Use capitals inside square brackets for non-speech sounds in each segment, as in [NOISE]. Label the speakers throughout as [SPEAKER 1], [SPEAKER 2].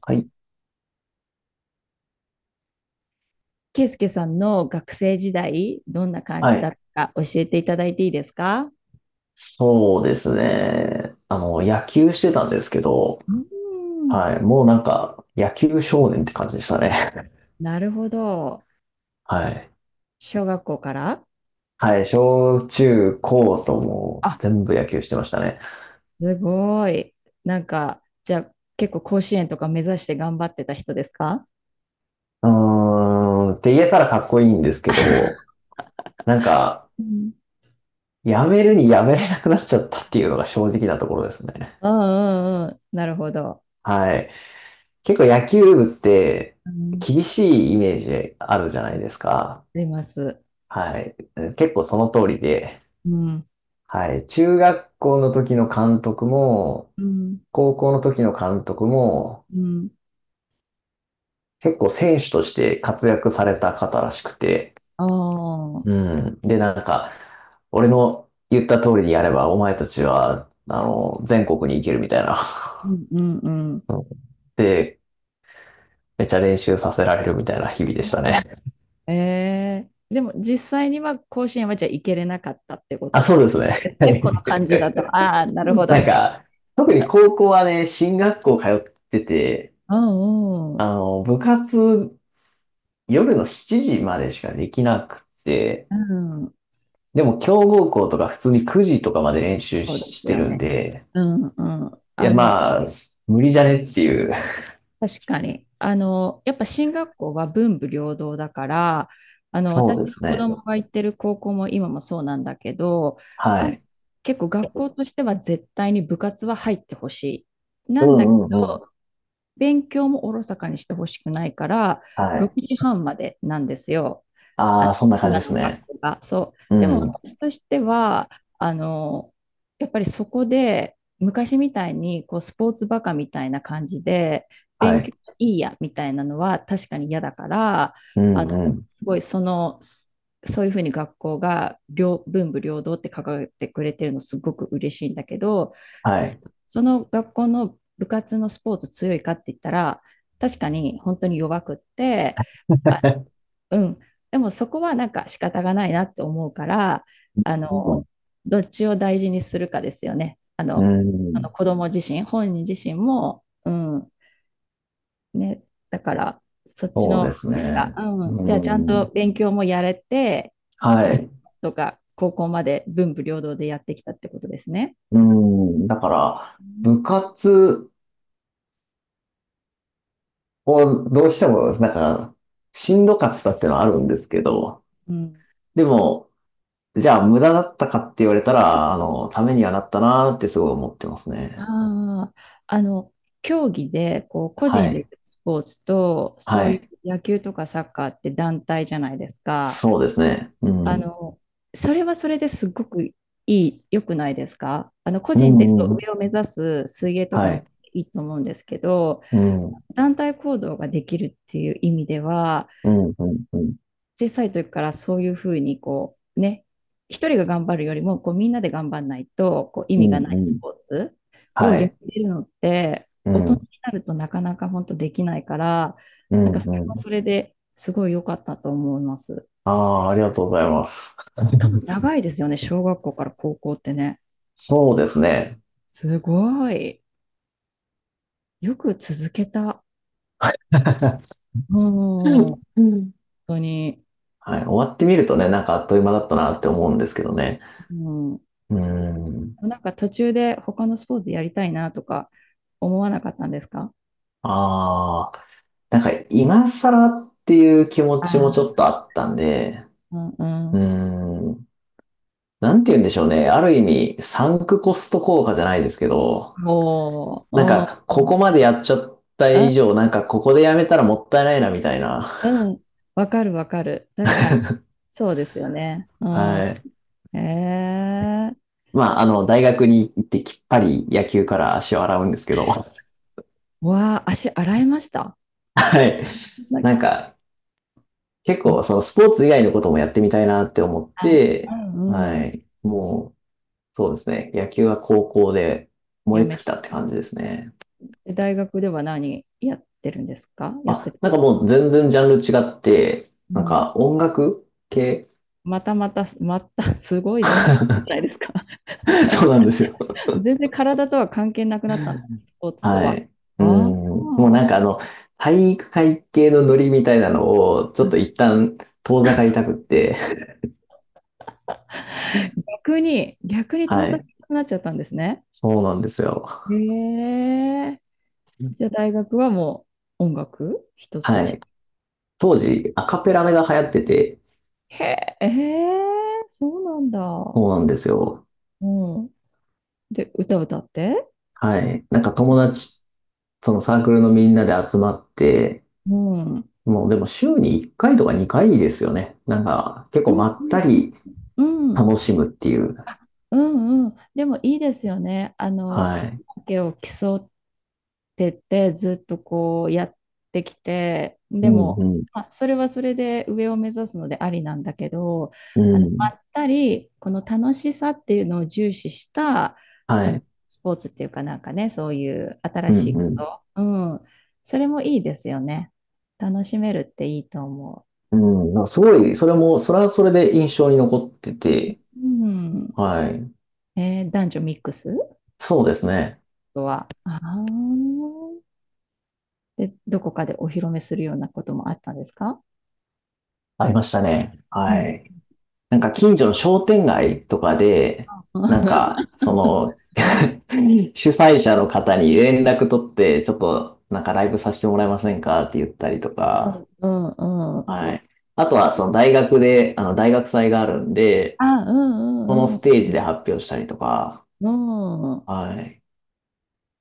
[SPEAKER 1] はい。
[SPEAKER 2] ケイスケさんの学生時代、どんな感
[SPEAKER 1] は
[SPEAKER 2] じだっ
[SPEAKER 1] い。
[SPEAKER 2] たか教えていただいていいですか？
[SPEAKER 1] そうですね。野球してたんですけど、
[SPEAKER 2] うーん。
[SPEAKER 1] はい。もう野球少年って感じでしたね。
[SPEAKER 2] なるほど。
[SPEAKER 1] [LAUGHS] はい。
[SPEAKER 2] 小学校から。
[SPEAKER 1] はい。小中高ともう
[SPEAKER 2] あ、
[SPEAKER 1] 全部野球してましたね。
[SPEAKER 2] すごい。なんか、じゃあ結構甲子園とか目指して頑張ってた人ですか？
[SPEAKER 1] うーん。って言えたらかっこいいんですけど、なんか、
[SPEAKER 2] うん [LAUGHS]
[SPEAKER 1] やめるにやめれなくなっちゃったっていうのが正直なところですね。
[SPEAKER 2] うんうんうん。なるほど。
[SPEAKER 1] はい。結構野球部って
[SPEAKER 2] うん。
[SPEAKER 1] 厳しいイメージあるじゃないですか。
[SPEAKER 2] あります。
[SPEAKER 1] はい。結構その通りで、
[SPEAKER 2] うん。
[SPEAKER 1] はい。中学校の時の監督も、
[SPEAKER 2] うん
[SPEAKER 1] 高校の時の監督も、
[SPEAKER 2] うん。
[SPEAKER 1] 結構選手として活躍された方らしくて、
[SPEAKER 2] ああ。
[SPEAKER 1] うん。で、俺の言った通りにやれば、お前たちは、全国に行けるみたいな。[LAUGHS]
[SPEAKER 2] うんうんうん。
[SPEAKER 1] うん。で、めっちゃ練習させられるみたいな日々でした
[SPEAKER 2] あ
[SPEAKER 1] ね。
[SPEAKER 2] ーでも実際には甲子園はじゃあ行けれなかったってこ
[SPEAKER 1] あ、
[SPEAKER 2] と
[SPEAKER 1] そうですね。
[SPEAKER 2] です
[SPEAKER 1] は
[SPEAKER 2] ね。この感じだと。
[SPEAKER 1] い。
[SPEAKER 2] ああ、なるほど。う
[SPEAKER 1] なんか、特に高校はね、進学校通ってて、
[SPEAKER 2] んうん。
[SPEAKER 1] 部活夜の7時までしかできなくて、
[SPEAKER 2] うん。
[SPEAKER 1] でも強豪校とか普通に9時とかまで練習
[SPEAKER 2] そうで
[SPEAKER 1] し
[SPEAKER 2] す
[SPEAKER 1] て
[SPEAKER 2] よ
[SPEAKER 1] るん
[SPEAKER 2] ね。
[SPEAKER 1] で、
[SPEAKER 2] うんうん。
[SPEAKER 1] いやまあ、無理じゃねっていう。
[SPEAKER 2] 確かに。やっぱ進学校は文武両道だから、
[SPEAKER 1] そ
[SPEAKER 2] 私
[SPEAKER 1] うで
[SPEAKER 2] の
[SPEAKER 1] す
[SPEAKER 2] 子
[SPEAKER 1] ね。
[SPEAKER 2] 供が行ってる高校も今もそうなんだけど、あ、
[SPEAKER 1] はい。
[SPEAKER 2] 結構学校としては絶対に部活は入ってほしい。
[SPEAKER 1] う
[SPEAKER 2] なんだけ
[SPEAKER 1] んうんうん。
[SPEAKER 2] ど、勉強もおろそかにしてほしくないから、
[SPEAKER 1] はい。
[SPEAKER 2] 6時半までなんですよ。あ、
[SPEAKER 1] ああ、そんな感じ
[SPEAKER 2] 今
[SPEAKER 1] です
[SPEAKER 2] の学
[SPEAKER 1] ね。
[SPEAKER 2] 校が。そう。
[SPEAKER 1] う
[SPEAKER 2] でも
[SPEAKER 1] ん。
[SPEAKER 2] 私としては、あの、やっぱりそこで、昔みたいにこうスポーツバカみたいな感じで、
[SPEAKER 1] は
[SPEAKER 2] 勉
[SPEAKER 1] い。
[SPEAKER 2] 強いいやみたいなのは確かに嫌だから、
[SPEAKER 1] う
[SPEAKER 2] あ
[SPEAKER 1] ん
[SPEAKER 2] の、
[SPEAKER 1] うん。
[SPEAKER 2] すごいそういうふうに学校が両文武両道って掲げてくれてるのすごく嬉しいんだけど、
[SPEAKER 1] はい。
[SPEAKER 2] その学校の部活のスポーツ強いかって言ったら、確かに本当に弱くって、あ
[SPEAKER 1] [LAUGHS]
[SPEAKER 2] うん。でもそこはなんか仕方がないなって思うから、あの、
[SPEAKER 1] う
[SPEAKER 2] どっちを大事にするかですよね。あの
[SPEAKER 1] ん。
[SPEAKER 2] 子供自身、本人自身も、うん、ね、だからそっ
[SPEAKER 1] [LAUGHS]
[SPEAKER 2] ち
[SPEAKER 1] そう
[SPEAKER 2] の、
[SPEAKER 1] です
[SPEAKER 2] が
[SPEAKER 1] ね。
[SPEAKER 2] うん、じ
[SPEAKER 1] う
[SPEAKER 2] ゃあちゃん
[SPEAKER 1] ん。
[SPEAKER 2] と勉強もやれて、う
[SPEAKER 1] は
[SPEAKER 2] ん
[SPEAKER 1] い。
[SPEAKER 2] とか、高校まで文武両道でやってきたってことですね。
[SPEAKER 1] うん。だから、
[SPEAKER 2] う
[SPEAKER 1] 部
[SPEAKER 2] ん。
[SPEAKER 1] 活をどうしても、しんどかったってのはあるんですけど、
[SPEAKER 2] うん。
[SPEAKER 1] でも、じゃあ無駄だったかって言われたら、ためにはなったなーってすごい思ってますね。
[SPEAKER 2] ああ、あの、競技で、個
[SPEAKER 1] は
[SPEAKER 2] 人でや
[SPEAKER 1] い。
[SPEAKER 2] るスポーツと、そ
[SPEAKER 1] は
[SPEAKER 2] うい
[SPEAKER 1] い。
[SPEAKER 2] う野球とかサッカーって団体じゃないですか。
[SPEAKER 1] そうですね。う
[SPEAKER 2] あ
[SPEAKER 1] ん。
[SPEAKER 2] の、それはそれですごく良くないですか？個
[SPEAKER 1] う
[SPEAKER 2] 人で
[SPEAKER 1] んうん。
[SPEAKER 2] 上を目指す水泳とか
[SPEAKER 1] は
[SPEAKER 2] も
[SPEAKER 1] い。
[SPEAKER 2] いいと思うんですけど、
[SPEAKER 1] うん。
[SPEAKER 2] 団体行動ができるっていう意味では、
[SPEAKER 1] うんうんうん。
[SPEAKER 2] 小さい時からそういうふうにこうね、一人が頑張るよりもこうみんなで頑張んないとこう意
[SPEAKER 1] う
[SPEAKER 2] 味
[SPEAKER 1] ん
[SPEAKER 2] がな
[SPEAKER 1] う
[SPEAKER 2] いス
[SPEAKER 1] ん。
[SPEAKER 2] ポーツを
[SPEAKER 1] は
[SPEAKER 2] やっ
[SPEAKER 1] い。
[SPEAKER 2] てるのって
[SPEAKER 1] う
[SPEAKER 2] 大人に
[SPEAKER 1] ん。
[SPEAKER 2] なるとなかなか本当できないから、
[SPEAKER 1] う
[SPEAKER 2] なんか
[SPEAKER 1] ん
[SPEAKER 2] それ
[SPEAKER 1] うん。
[SPEAKER 2] はそれですごい良かったと思います。
[SPEAKER 1] ああ、ありがとうございます。
[SPEAKER 2] しかも
[SPEAKER 1] [LAUGHS]
[SPEAKER 2] 長いですよね、小学校から高校ってね。
[SPEAKER 1] そうですね。
[SPEAKER 2] すごい。よく続けた。
[SPEAKER 1] [LAUGHS]
[SPEAKER 2] うん、本
[SPEAKER 1] うん。
[SPEAKER 2] 当に。
[SPEAKER 1] はい。終わってみるとね、なんかあっという間だったなって思うんですけどね。
[SPEAKER 2] うん。
[SPEAKER 1] うん。
[SPEAKER 2] なんか途中で他のスポーツやりたいなとか思わなかったんですか？
[SPEAKER 1] ああ。なんか今更っていう気持ちもち
[SPEAKER 2] あ
[SPEAKER 1] ょっとあったんで、
[SPEAKER 2] うんう
[SPEAKER 1] うー
[SPEAKER 2] ん。
[SPEAKER 1] ん、なんて言うんでしょうね。ある意味、サンクコスト効果じゃないですけど、
[SPEAKER 2] おー、う
[SPEAKER 1] ここ
[SPEAKER 2] ん、
[SPEAKER 1] までやっちゃった
[SPEAKER 2] う
[SPEAKER 1] 以
[SPEAKER 2] ん、
[SPEAKER 1] 上、ここでやめたらもったいないな、みたいな。
[SPEAKER 2] うん。わかるわかる。確かに。そうですよね。う
[SPEAKER 1] は
[SPEAKER 2] ん。
[SPEAKER 1] い。
[SPEAKER 2] ええー。
[SPEAKER 1] まあ、あの、大学に行ってきっぱり野球から足を洗うんですけど、
[SPEAKER 2] わあ、足洗いました
[SPEAKER 1] はい。
[SPEAKER 2] な。
[SPEAKER 1] なんか、結構、そのスポーツ以外のこともやってみたいなって思っ
[SPEAKER 2] あ、う
[SPEAKER 1] て、
[SPEAKER 2] ん、う
[SPEAKER 1] は
[SPEAKER 2] ん。
[SPEAKER 1] い。もう、そうですね。野球は高校で燃
[SPEAKER 2] や
[SPEAKER 1] え
[SPEAKER 2] め
[SPEAKER 1] 尽き
[SPEAKER 2] て、
[SPEAKER 1] たって感じですね。
[SPEAKER 2] 大学では何やってるんですか？やって
[SPEAKER 1] あ、
[SPEAKER 2] た、
[SPEAKER 1] なんかもう全然ジャンル違って、
[SPEAKER 2] う
[SPEAKER 1] なん
[SPEAKER 2] ん。
[SPEAKER 1] か音楽系。
[SPEAKER 2] またまた、また、[LAUGHS] すごい、全然じゃないですか。
[SPEAKER 1] [LAUGHS] そうなんですよ。
[SPEAKER 2] [LAUGHS] 全然体とは関係なくなったんだ、スポーツと
[SPEAKER 1] は
[SPEAKER 2] は。
[SPEAKER 1] い。う
[SPEAKER 2] ああ、
[SPEAKER 1] ん。もうなんかあの、体育会系のノリみたいなのを、ちょっと一旦遠ざかりたくって。
[SPEAKER 2] 逆に遠
[SPEAKER 1] は
[SPEAKER 2] ざけ
[SPEAKER 1] い。
[SPEAKER 2] なくなっちゃったんですね。
[SPEAKER 1] そうなんですよ。
[SPEAKER 2] へえ。じゃあ大学はもう音楽一
[SPEAKER 1] は
[SPEAKER 2] 筋。
[SPEAKER 1] い。当時、アカペラが流行ってて、
[SPEAKER 2] へえ、ええ、そうなんだ。
[SPEAKER 1] そうなんですよ。
[SPEAKER 2] うん。で、歌歌って？
[SPEAKER 1] はい。なんか友
[SPEAKER 2] あ
[SPEAKER 1] 達、そのサークルのみんなで集まって、
[SPEAKER 2] うん。うん、
[SPEAKER 1] もうでも週に1回とか2回ですよね。なんか結
[SPEAKER 2] う
[SPEAKER 1] 構
[SPEAKER 2] ん、
[SPEAKER 1] まったり
[SPEAKER 2] うん、
[SPEAKER 1] 楽しむっていう。
[SPEAKER 2] うん、うん。でもいいですよね。カ
[SPEAKER 1] は
[SPEAKER 2] ラ
[SPEAKER 1] い。
[SPEAKER 2] オケを競うてってずっとこうやってきて、
[SPEAKER 1] う
[SPEAKER 2] で
[SPEAKER 1] んう
[SPEAKER 2] も、
[SPEAKER 1] ん。
[SPEAKER 2] まあ、それはそれで上を目指すのでありなんだけど、
[SPEAKER 1] うん。
[SPEAKER 2] まったり、この楽しさっていうのを重視した、
[SPEAKER 1] は
[SPEAKER 2] あの、
[SPEAKER 1] い。
[SPEAKER 2] スポーツっていうかなんかね、そういう
[SPEAKER 1] う
[SPEAKER 2] 新し
[SPEAKER 1] ん
[SPEAKER 2] い
[SPEAKER 1] う
[SPEAKER 2] こ
[SPEAKER 1] ん。
[SPEAKER 2] と。うん。それもいいですよね。楽しめるっていいと思
[SPEAKER 1] うん。なんかすごい、それも、それはそれで印象に残ってて、
[SPEAKER 2] う。うん。
[SPEAKER 1] はい。
[SPEAKER 2] えー、男女ミックス
[SPEAKER 1] そうですね。
[SPEAKER 2] とは。あー、で、どこかでお披露目するようなこともあったんですか？
[SPEAKER 1] ありましたね。
[SPEAKER 2] う
[SPEAKER 1] は
[SPEAKER 2] ん。
[SPEAKER 1] い。なんか
[SPEAKER 2] き
[SPEAKER 1] 近所の商店街とかで、なん
[SPEAKER 2] [LAUGHS]
[SPEAKER 1] か、その、[LAUGHS] 主催者の方に連絡取って、ちょっとなんかライブさせてもらえませんかって言ったりと
[SPEAKER 2] うん
[SPEAKER 1] か、
[SPEAKER 2] うんうん。
[SPEAKER 1] はい。あとは、その大学で、あの、大学祭があるんで、
[SPEAKER 2] あ、う
[SPEAKER 1] その
[SPEAKER 2] んうんう
[SPEAKER 1] ステージで発表したりとか、
[SPEAKER 2] ん。うん。
[SPEAKER 1] はい。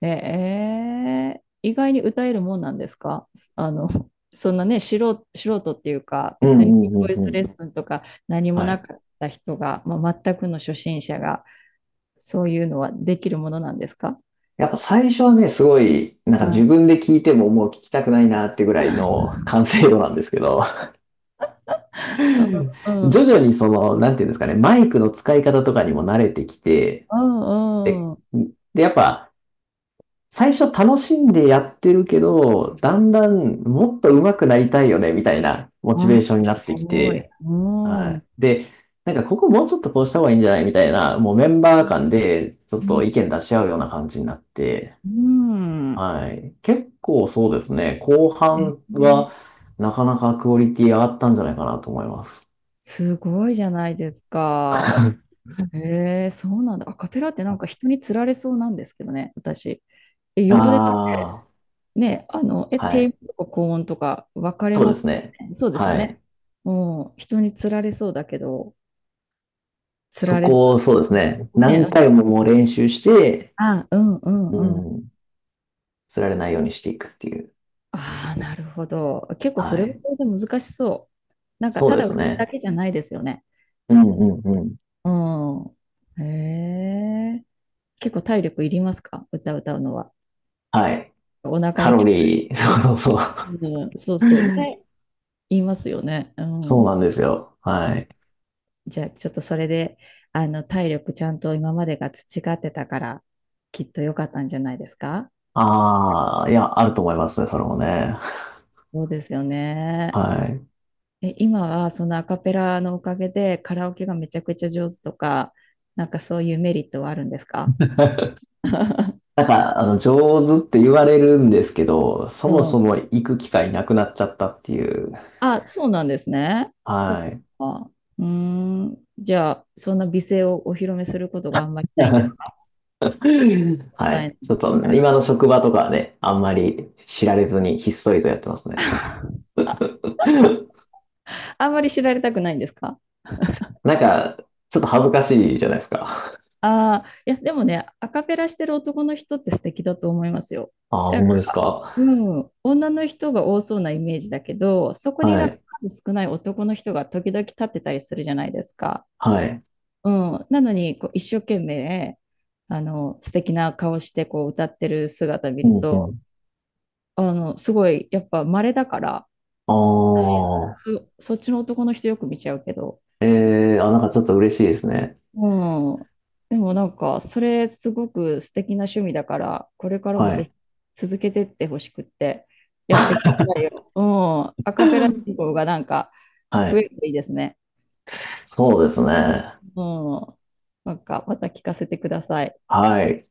[SPEAKER 2] ええ、意外に歌えるもんなんですか？あの、そんなね、素人、素人っていうか、
[SPEAKER 1] うんう
[SPEAKER 2] 別に
[SPEAKER 1] ん
[SPEAKER 2] ボ
[SPEAKER 1] うん
[SPEAKER 2] イ
[SPEAKER 1] う
[SPEAKER 2] スレ
[SPEAKER 1] ん。
[SPEAKER 2] ッスンとか何も
[SPEAKER 1] は
[SPEAKER 2] な
[SPEAKER 1] い。
[SPEAKER 2] かった人が、まあ、全くの初心者が、そういうのはできるものなんですか？
[SPEAKER 1] やっぱ最初はね、すごい、なん
[SPEAKER 2] う
[SPEAKER 1] か自
[SPEAKER 2] ん。
[SPEAKER 1] 分で聞いてももう聞きたくないなってぐらいの [LAUGHS] 完成度なんですけど、[LAUGHS] 徐
[SPEAKER 2] うんうん
[SPEAKER 1] 々にその、なんていうんですかね、マイクの使い方とかにも慣れてきて、
[SPEAKER 2] う
[SPEAKER 1] で、
[SPEAKER 2] んうん。
[SPEAKER 1] で、やっぱ、最初楽しんでやってるけど、だんだんもっと上手くなりたいよね、みたいなモチベ
[SPEAKER 2] あ、
[SPEAKER 1] ーションになって
[SPEAKER 2] す
[SPEAKER 1] き
[SPEAKER 2] ごい。
[SPEAKER 1] て、
[SPEAKER 2] う
[SPEAKER 1] は
[SPEAKER 2] ん。う
[SPEAKER 1] い。で、なんかここもうちょっとこうした方がいいんじゃないみたいな、もうメンバー間でちょっと意
[SPEAKER 2] ん。
[SPEAKER 1] 見出し合うような感じになって、
[SPEAKER 2] うん。
[SPEAKER 1] はい。結構そうですね、後半は
[SPEAKER 2] ね、
[SPEAKER 1] なかなかクオリティ上がったんじゃないかなと思います。
[SPEAKER 2] すごいじゃないです
[SPEAKER 1] [LAUGHS]
[SPEAKER 2] か。へえ、そうなんだ。アカペラってなんか人につられそうなんですけどね、私。え、
[SPEAKER 1] あ
[SPEAKER 2] 横でだってね、え、
[SPEAKER 1] あ、は
[SPEAKER 2] 低音
[SPEAKER 1] い。
[SPEAKER 2] とか高音とか分かれ
[SPEAKER 1] そう
[SPEAKER 2] ま
[SPEAKER 1] です
[SPEAKER 2] す
[SPEAKER 1] ね。
[SPEAKER 2] ね。そうですよ
[SPEAKER 1] は
[SPEAKER 2] ね。
[SPEAKER 1] い。
[SPEAKER 2] もう人につられそうだけど、つ
[SPEAKER 1] そ
[SPEAKER 2] られず。
[SPEAKER 1] こをそうですね、何
[SPEAKER 2] ね、
[SPEAKER 1] 回ももう練習して、
[SPEAKER 2] あ、うんうん
[SPEAKER 1] う
[SPEAKER 2] うん。
[SPEAKER 1] ん、釣られないようにしていくっていう。
[SPEAKER 2] ああ、なるほど。結構そ
[SPEAKER 1] は
[SPEAKER 2] れは
[SPEAKER 1] い。
[SPEAKER 2] それで難しそう。なんか
[SPEAKER 1] そ
[SPEAKER 2] た
[SPEAKER 1] うで
[SPEAKER 2] だ歌
[SPEAKER 1] す
[SPEAKER 2] うだ
[SPEAKER 1] ね。
[SPEAKER 2] けじゃないですよね。
[SPEAKER 1] うんうんうん。
[SPEAKER 2] うん。へえ。結構体力いりますか？歌歌うのは。
[SPEAKER 1] はい。
[SPEAKER 2] お腹
[SPEAKER 1] カ
[SPEAKER 2] に
[SPEAKER 1] ロ
[SPEAKER 2] 力。
[SPEAKER 1] リー、[LAUGHS] そうそうそう。
[SPEAKER 2] うん、そうそう。ね、
[SPEAKER 1] [LAUGHS]
[SPEAKER 2] 言いますよね。う
[SPEAKER 1] そう
[SPEAKER 2] ん。
[SPEAKER 1] なんですよ。はい。
[SPEAKER 2] じゃあ、ちょっとそれで、体力ちゃんと今までが培ってたから、きっと良かったんじゃないですか？
[SPEAKER 1] ああ、いや、あると思いますね、それもね。
[SPEAKER 2] そうですよね。
[SPEAKER 1] はい。
[SPEAKER 2] え、今はそのアカペラのおかげでカラオケがめちゃくちゃ上手とか、なんかそういうメリットはあるんですか？
[SPEAKER 1] [LAUGHS]
[SPEAKER 2] [LAUGHS]
[SPEAKER 1] なんか、あの、上手って言われるんですけど、そ
[SPEAKER 2] う
[SPEAKER 1] も
[SPEAKER 2] ん。
[SPEAKER 1] そも行く機会なくなっちゃったっていう。
[SPEAKER 2] あ、そうなんですね。そっ
[SPEAKER 1] はい。
[SPEAKER 2] か。うーん。じゃあ、そんな美声をお披露目することがあんまりないんですか？
[SPEAKER 1] [LAUGHS] は
[SPEAKER 2] な
[SPEAKER 1] い。
[SPEAKER 2] い
[SPEAKER 1] ちょっと、今の職場とかはね、あんまり知られずにひっそりとやってますね。
[SPEAKER 2] [LAUGHS]
[SPEAKER 1] [LAUGHS]
[SPEAKER 2] あんまり知られたくないんですか？
[SPEAKER 1] なんか、ちょっと恥ずかしいじゃないですか。
[SPEAKER 2] ああ、いや、でもね、アカペラしてる男の人って素敵だと思いますよ。
[SPEAKER 1] ああ、
[SPEAKER 2] なん
[SPEAKER 1] ほん
[SPEAKER 2] か、
[SPEAKER 1] まですか。
[SPEAKER 2] うん、女の人が多そうなイメージだけど、そこに
[SPEAKER 1] は
[SPEAKER 2] なんか
[SPEAKER 1] い。
[SPEAKER 2] 数少ない男の人が時々立ってたりするじゃないですか。
[SPEAKER 1] はい。
[SPEAKER 2] うん、なのにこう一生懸命あの素敵な顔してこう歌ってる姿見
[SPEAKER 1] う
[SPEAKER 2] る
[SPEAKER 1] んう
[SPEAKER 2] と
[SPEAKER 1] ん。
[SPEAKER 2] すごいやっぱ稀だから
[SPEAKER 1] ああ、
[SPEAKER 2] そっちの男の人よく見ちゃうけど。
[SPEAKER 1] ええー、あ、なんかちょっと嬉しいですね。
[SPEAKER 2] うん。でもなんか、それすごく素敵な趣味だから、これからも
[SPEAKER 1] は
[SPEAKER 2] ぜ
[SPEAKER 1] い。
[SPEAKER 2] ひ続けてってほしくって、やってくださいよ。うん。アカペラ
[SPEAKER 1] は
[SPEAKER 2] 人口がなんか増え
[SPEAKER 1] い。
[SPEAKER 2] るといいですね。
[SPEAKER 1] そうですね。
[SPEAKER 2] うん。なんか、また聞かせてください。
[SPEAKER 1] はい。